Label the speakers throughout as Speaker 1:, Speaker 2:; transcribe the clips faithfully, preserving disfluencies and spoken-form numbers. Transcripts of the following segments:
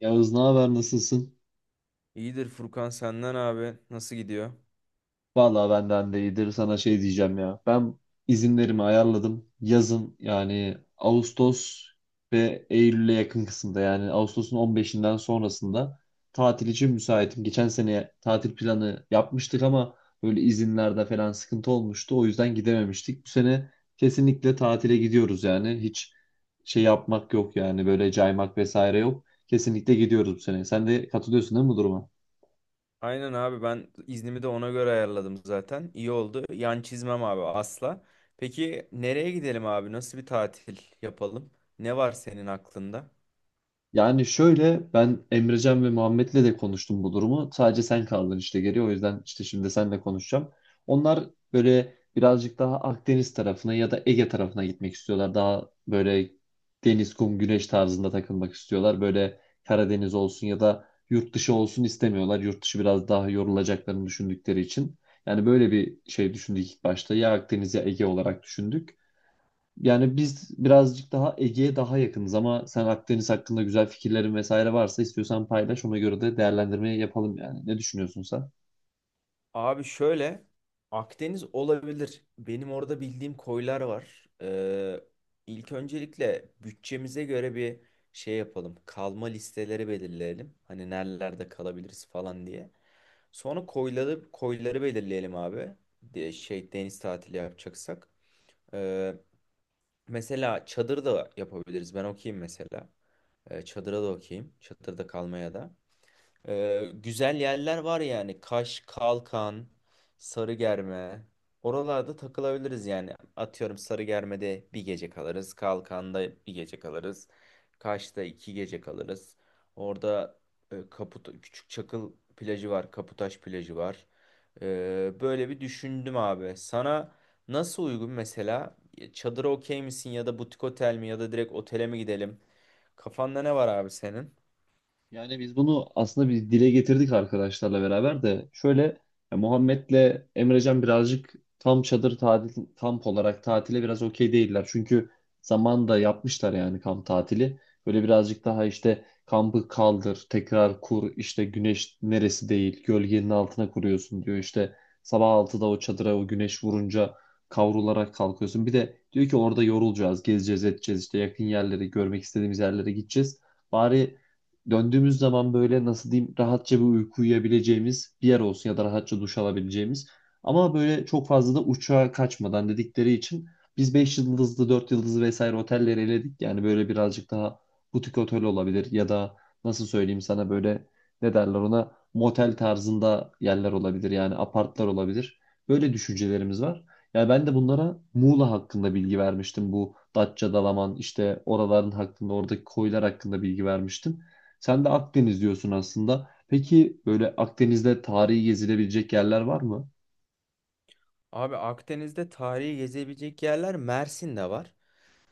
Speaker 1: Yağız, ne haber, nasılsın?
Speaker 2: İyidir Furkan senden abi. Nasıl gidiyor?
Speaker 1: Vallahi benden de iyidir. Sana şey diyeceğim ya. Ben izinlerimi ayarladım. Yazın yani Ağustos ve Eylül'e yakın kısımda yani Ağustos'un on beşinden sonrasında tatil için müsaitim. Geçen sene tatil planı yapmıştık ama böyle izinlerde falan sıkıntı olmuştu. O yüzden gidememiştik. Bu sene kesinlikle tatile gidiyoruz yani. Hiç şey yapmak yok yani böyle caymak vesaire yok. Kesinlikle gidiyoruz bu sene. Sen de katılıyorsun değil mi bu duruma?
Speaker 2: Aynen abi ben iznimi de ona göre ayarladım zaten. İyi oldu. Yan çizmem abi asla. Peki nereye gidelim abi? Nasıl bir tatil yapalım? Ne var senin aklında?
Speaker 1: Yani şöyle, ben Emrecan ve Muhammed'le de konuştum bu durumu. Sadece sen kaldın işte geri. O yüzden işte şimdi seninle konuşacağım. Onlar böyle birazcık daha Akdeniz tarafına ya da Ege tarafına gitmek istiyorlar. Daha böyle deniz, kum, güneş tarzında takılmak istiyorlar. Böyle Karadeniz olsun ya da yurt dışı olsun istemiyorlar. Yurt dışı biraz daha yorulacaklarını düşündükleri için. Yani böyle bir şey düşündük ilk başta. Ya Akdeniz ya Ege olarak düşündük. Yani biz birazcık daha Ege'ye daha yakınız ama sen Akdeniz hakkında güzel fikirlerin vesaire varsa istiyorsan paylaş. Ona göre de değerlendirmeyi yapalım yani. Ne düşünüyorsun sen?
Speaker 2: Abi şöyle Akdeniz olabilir. Benim orada bildiğim koylar var. Ee, ilk öncelikle bütçemize göre bir şey yapalım. Kalma listeleri belirleyelim. Hani nerelerde kalabiliriz falan diye. Sonra koyları koyları belirleyelim abi. De, şey deniz tatili yapacaksak. Ee, Mesela çadır da yapabiliriz. Ben okuyayım mesela. Ee, çadıra da okuyayım. Çadırda kalmaya da. Ee, güzel yerler var yani. Kaş, Kalkan, Sarıgerme. Oralarda takılabiliriz yani. Atıyorum Sarıgerme'de bir gece kalırız. Kalkan'da bir gece kalırız. Kaş'ta iki gece kalırız. Orada e, Kaput Küçük Çakıl plajı var. Kaputaş plajı var. Ee, böyle bir düşündüm abi. Sana nasıl uygun mesela? Çadıra okey misin ya da butik otel mi ya da direkt otele mi gidelim? Kafanda ne var abi senin?
Speaker 1: Yani biz bunu aslında bir dile getirdik arkadaşlarla beraber de şöyle, ya Muhammed'le Emrecan birazcık tam çadır tatil kamp olarak tatile biraz okey değiller. Çünkü zamanında yapmışlar yani kamp tatili. Böyle birazcık daha işte kampı kaldır, tekrar kur, işte güneş neresi değil, gölgenin altına kuruyorsun diyor. İşte sabah altıda o çadıra o güneş vurunca kavrularak kalkıyorsun. Bir de diyor ki orada yorulacağız, gezeceğiz, edeceğiz işte yakın yerleri, görmek istediğimiz yerlere gideceğiz. Bari döndüğümüz zaman böyle, nasıl diyeyim, rahatça bir uyku uyuyabileceğimiz bir yer olsun ya da rahatça duş alabileceğimiz. Ama böyle çok fazla da uçağa kaçmadan dedikleri için biz beş yıldızlı, dört yıldızlı vesaire otelleri eledik. Yani böyle birazcık daha butik otel olabilir ya da nasıl söyleyeyim sana, böyle ne derler ona, motel tarzında yerler olabilir yani apartlar olabilir. Böyle düşüncelerimiz var. Yani ben de bunlara Muğla hakkında bilgi vermiştim. Bu Datça, Dalaman, işte oraların hakkında, oradaki koylar hakkında bilgi vermiştim. Sen de Akdeniz diyorsun aslında. Peki böyle Akdeniz'de tarihi gezilebilecek yerler var mı?
Speaker 2: Abi Akdeniz'de tarihi gezebilecek yerler Mersin'de var.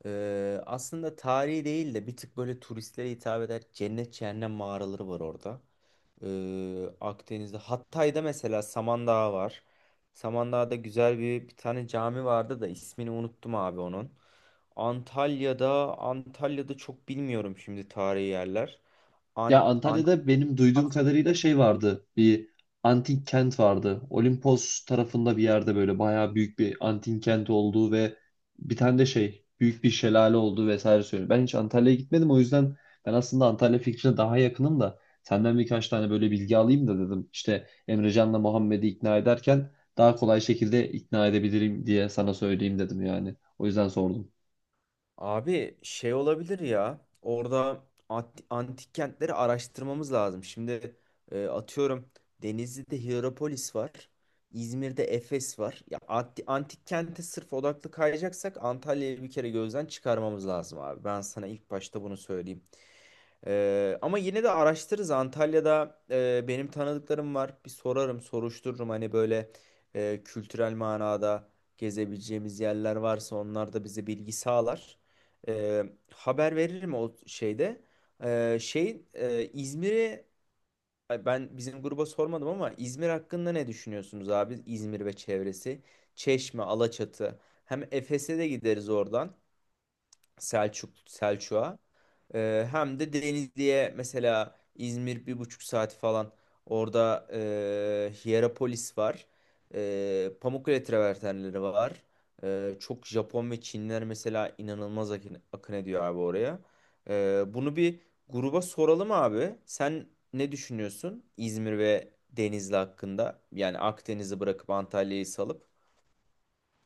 Speaker 2: Ee, aslında tarihi değil de bir tık böyle turistlere hitap eder cennet cehennem mağaraları var orada. Ee, Akdeniz'de Hatay'da mesela Samandağ var. Samandağ'da güzel bir, bir tane cami vardı da ismini unuttum abi onun. Antalya'da Antalya'da çok bilmiyorum şimdi tarihi yerler. Ant
Speaker 1: Ya Antalya'da benim duyduğum kadarıyla
Speaker 2: Antikars'a.
Speaker 1: şey vardı. Bir antik kent vardı. Olimpos tarafında bir yerde böyle bayağı büyük bir antik kent olduğu ve bir tane de şey büyük bir şelale olduğu vesaire söylüyor. Ben hiç Antalya'ya gitmedim, o yüzden ben aslında Antalya fikrine daha yakınım da senden birkaç tane böyle bilgi alayım da dedim. İşte Emrecan'la Muhammed'i ikna ederken daha kolay şekilde ikna edebilirim diye sana söyleyeyim dedim yani. O yüzden sordum.
Speaker 2: Abi şey olabilir ya orada ant- antik kentleri araştırmamız lazım. Şimdi e, atıyorum Denizli'de Hierapolis var. İzmir'de Efes var. Ya anti- antik kente sırf odaklı kayacaksak Antalya'yı bir kere gözden çıkarmamız lazım abi. Ben sana ilk başta bunu söyleyeyim. Ee, ama yine de araştırırız. Antalya'da e, benim tanıdıklarım var. Bir sorarım, soruştururum. Hani böyle e, kültürel manada gezebileceğimiz yerler varsa onlar da bize bilgi sağlar. Ee, Haber veririm o şeyde. Ee, şey e, İzmir'i ay ben bizim gruba sormadım ama İzmir hakkında ne düşünüyorsunuz abi? İzmir ve çevresi. Çeşme, Alaçatı. Hem Efes'e de gideriz oradan. Selçuk Selçuk'a. Ee, hem de Denizli'ye mesela İzmir bir buçuk saat falan orada e, Hierapolis var. E, Pamukkale travertenleri var. E, çok Japon ve Çinliler mesela inanılmaz akın, akın ediyor abi oraya. E, bunu bir gruba soralım abi. Sen ne düşünüyorsun İzmir ve Denizli hakkında? Yani Akdeniz'i bırakıp Antalya'yı salıp.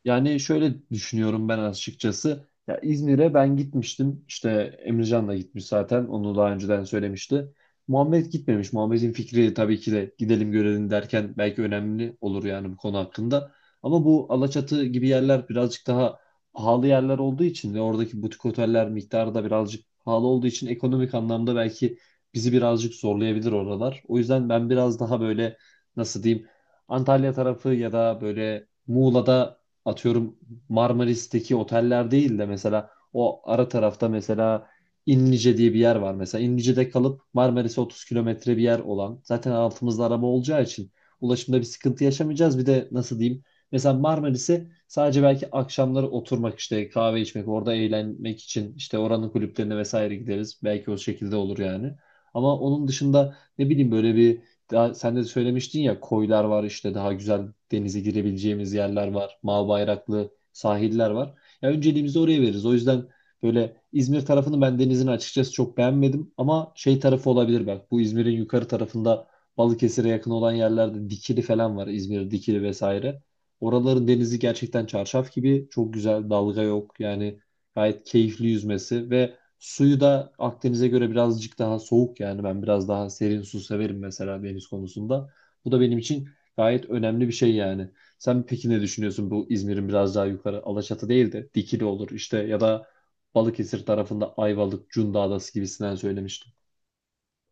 Speaker 1: Yani şöyle düşünüyorum ben açıkçası. Ya İzmir'e ben gitmiştim. İşte Emircan da gitmiş zaten. Onu daha önceden söylemişti. Muhammed gitmemiş. Muhammed'in fikri tabii ki de gidelim görelim derken belki önemli olur yani bu konu hakkında. Ama bu Alaçatı gibi yerler birazcık daha pahalı yerler olduğu için ve oradaki butik oteller miktarı da birazcık pahalı olduğu için ekonomik anlamda belki bizi birazcık zorlayabilir oralar. O yüzden ben biraz daha böyle, nasıl diyeyim, Antalya tarafı ya da böyle Muğla'da, atıyorum, Marmaris'teki oteller değil de mesela o ara tarafta mesela İnlice diye bir yer var mesela. İnlice'de kalıp Marmaris'e otuz kilometre bir yer olan. Zaten altımızda araba olacağı için ulaşımda bir sıkıntı yaşamayacağız. Bir de nasıl diyeyim? Mesela Marmaris'e sadece belki akşamları oturmak, işte kahve içmek, orada eğlenmek için işte oranın kulüplerine vesaire gideriz. Belki o şekilde olur yani. Ama onun dışında ne bileyim, böyle bir daha sen de söylemiştin ya, koylar var, işte daha güzel denize girebileceğimiz yerler var. Mavi bayraklı sahiller var. Ya önceliğimizi oraya veririz. O yüzden böyle İzmir tarafını, ben denizin açıkçası çok beğenmedim ama şey tarafı olabilir bak. Bu İzmir'in yukarı tarafında Balıkesir'e yakın olan yerlerde Dikili falan var. İzmir Dikili vesaire. Oraların denizi gerçekten çarşaf gibi çok güzel. Dalga yok. Yani gayet keyifli yüzmesi ve suyu da Akdeniz'e göre birazcık daha soğuk, yani ben biraz daha serin su severim mesela deniz konusunda. Bu da benim için gayet önemli bir şey yani. Sen peki ne düşünüyorsun bu İzmir'in biraz daha yukarı, Alaçatı değil de Dikili olur işte ya da Balıkesir tarafında Ayvalık, Cunda Adası gibisinden söylemiştin.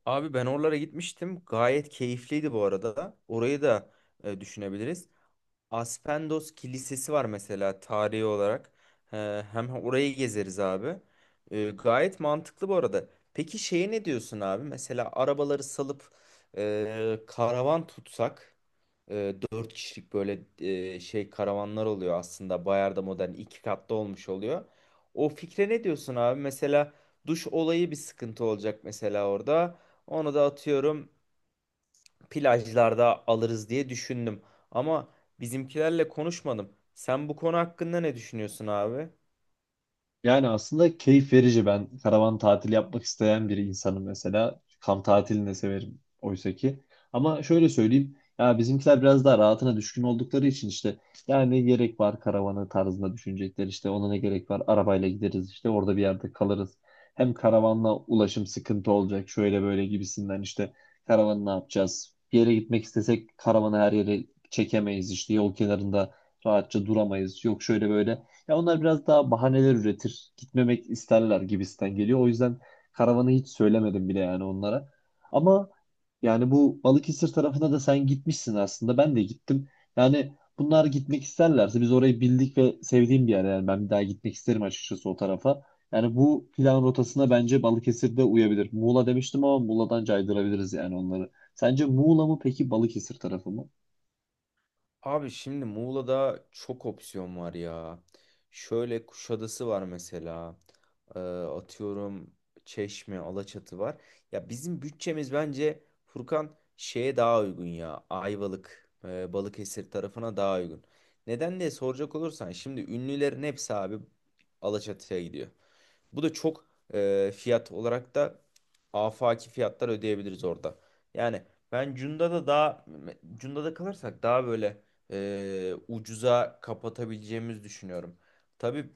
Speaker 2: Abi ben oralara gitmiştim. Gayet keyifliydi bu arada. Orayı da e, düşünebiliriz. Aspendos Kilisesi var mesela tarihi olarak. Ee, Hem orayı gezeriz abi. Ee, Gayet mantıklı bu arada. Peki şeye ne diyorsun abi? Mesela arabaları salıp e, karavan tutsak. E, dört kişilik böyle e, şey karavanlar oluyor aslında. Bayar'da modern iki katlı olmuş oluyor. O fikre ne diyorsun abi? Mesela duş olayı bir sıkıntı olacak mesela orada. Onu da atıyorum plajlarda alırız diye düşündüm. Ama bizimkilerle konuşmadım. Sen bu konu hakkında ne düşünüyorsun abi?
Speaker 1: Yani aslında keyif verici. Ben karavan tatili yapmak isteyen bir insanım mesela. Kamp tatilini de severim oysa ki. Ama şöyle söyleyeyim. Ya bizimkiler biraz daha rahatına düşkün oldukları için işte, ya ne gerek var karavanı tarzında düşünecekler, işte ona ne gerek var, arabayla gideriz işte orada bir yerde kalırız. Hem karavanla ulaşım sıkıntı olacak şöyle böyle gibisinden, işte karavanı ne yapacağız? Bir yere gitmek istesek karavanı her yere çekemeyiz, işte yol kenarında rahatça duramayız. Yok şöyle böyle, ya onlar biraz daha bahaneler üretir. Gitmemek isterler gibisinden geliyor. O yüzden karavanı hiç söylemedim bile yani onlara. Ama yani bu Balıkesir tarafına da sen gitmişsin aslında. Ben de gittim. Yani bunlar gitmek isterlerse biz orayı bildik ve sevdiğim bir yer. Yani ben bir daha gitmek isterim açıkçası o tarafa. Yani bu plan rotasına bence Balıkesir de uyabilir. Muğla demiştim ama Muğla'dan caydırabiliriz yani onları. Sence Muğla mı peki Balıkesir tarafı mı?
Speaker 2: Abi şimdi Muğla'da çok opsiyon var ya. Şöyle Kuşadası var mesela. Ee, atıyorum Çeşme, Alaçatı var. Ya bizim bütçemiz bence Furkan şeye daha uygun ya. Ayvalık, e, Balıkesir tarafına daha uygun. Neden diye soracak olursan şimdi ünlülerin hepsi abi Alaçatı'ya gidiyor. Bu da çok e, fiyat olarak da afaki fiyatlar ödeyebiliriz orada. Yani ben Cunda'da daha Cunda'da kalırsak daha böyle e, ucuza kapatabileceğimizi düşünüyorum. Tabii,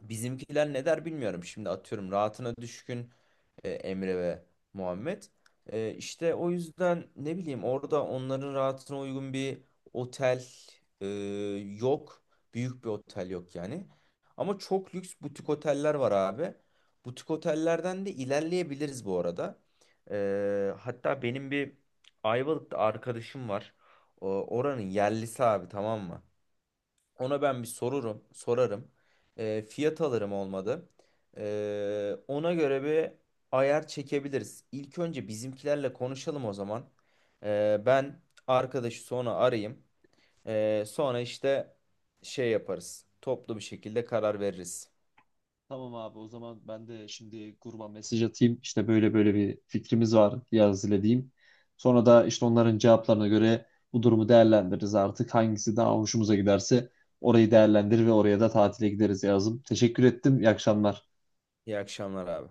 Speaker 2: bizimkiler ne der bilmiyorum. Şimdi atıyorum rahatına düşkün e, Emre ve Muhammed. E, işte o yüzden ne bileyim orada onların rahatına uygun bir otel e, yok. Büyük bir otel yok yani. Ama çok lüks butik oteller var abi. Butik otellerden de ilerleyebiliriz bu arada. E, hatta benim bir Ayvalık'ta arkadaşım var. O, oranın yerlisi abi tamam mı? Ona ben bir sorurum, sorarım. Ee, fiyat alırım olmadı. Ee, ona göre bir ayar çekebiliriz. İlk önce bizimkilerle konuşalım o zaman. Ee, ben arkadaşı sonra arayayım. Ee, sonra işte şey yaparız. Toplu bir şekilde karar veririz.
Speaker 1: Tamam abi, o zaman ben de şimdi gruba mesaj atayım. İşte böyle böyle bir fikrimiz var yaz ile diyeyim. Sonra da işte onların cevaplarına göre bu durumu değerlendiririz artık. Hangisi daha hoşumuza giderse orayı değerlendirir ve oraya da tatile gideriz yazım. Teşekkür ettim. İyi akşamlar.
Speaker 2: İyi akşamlar abi.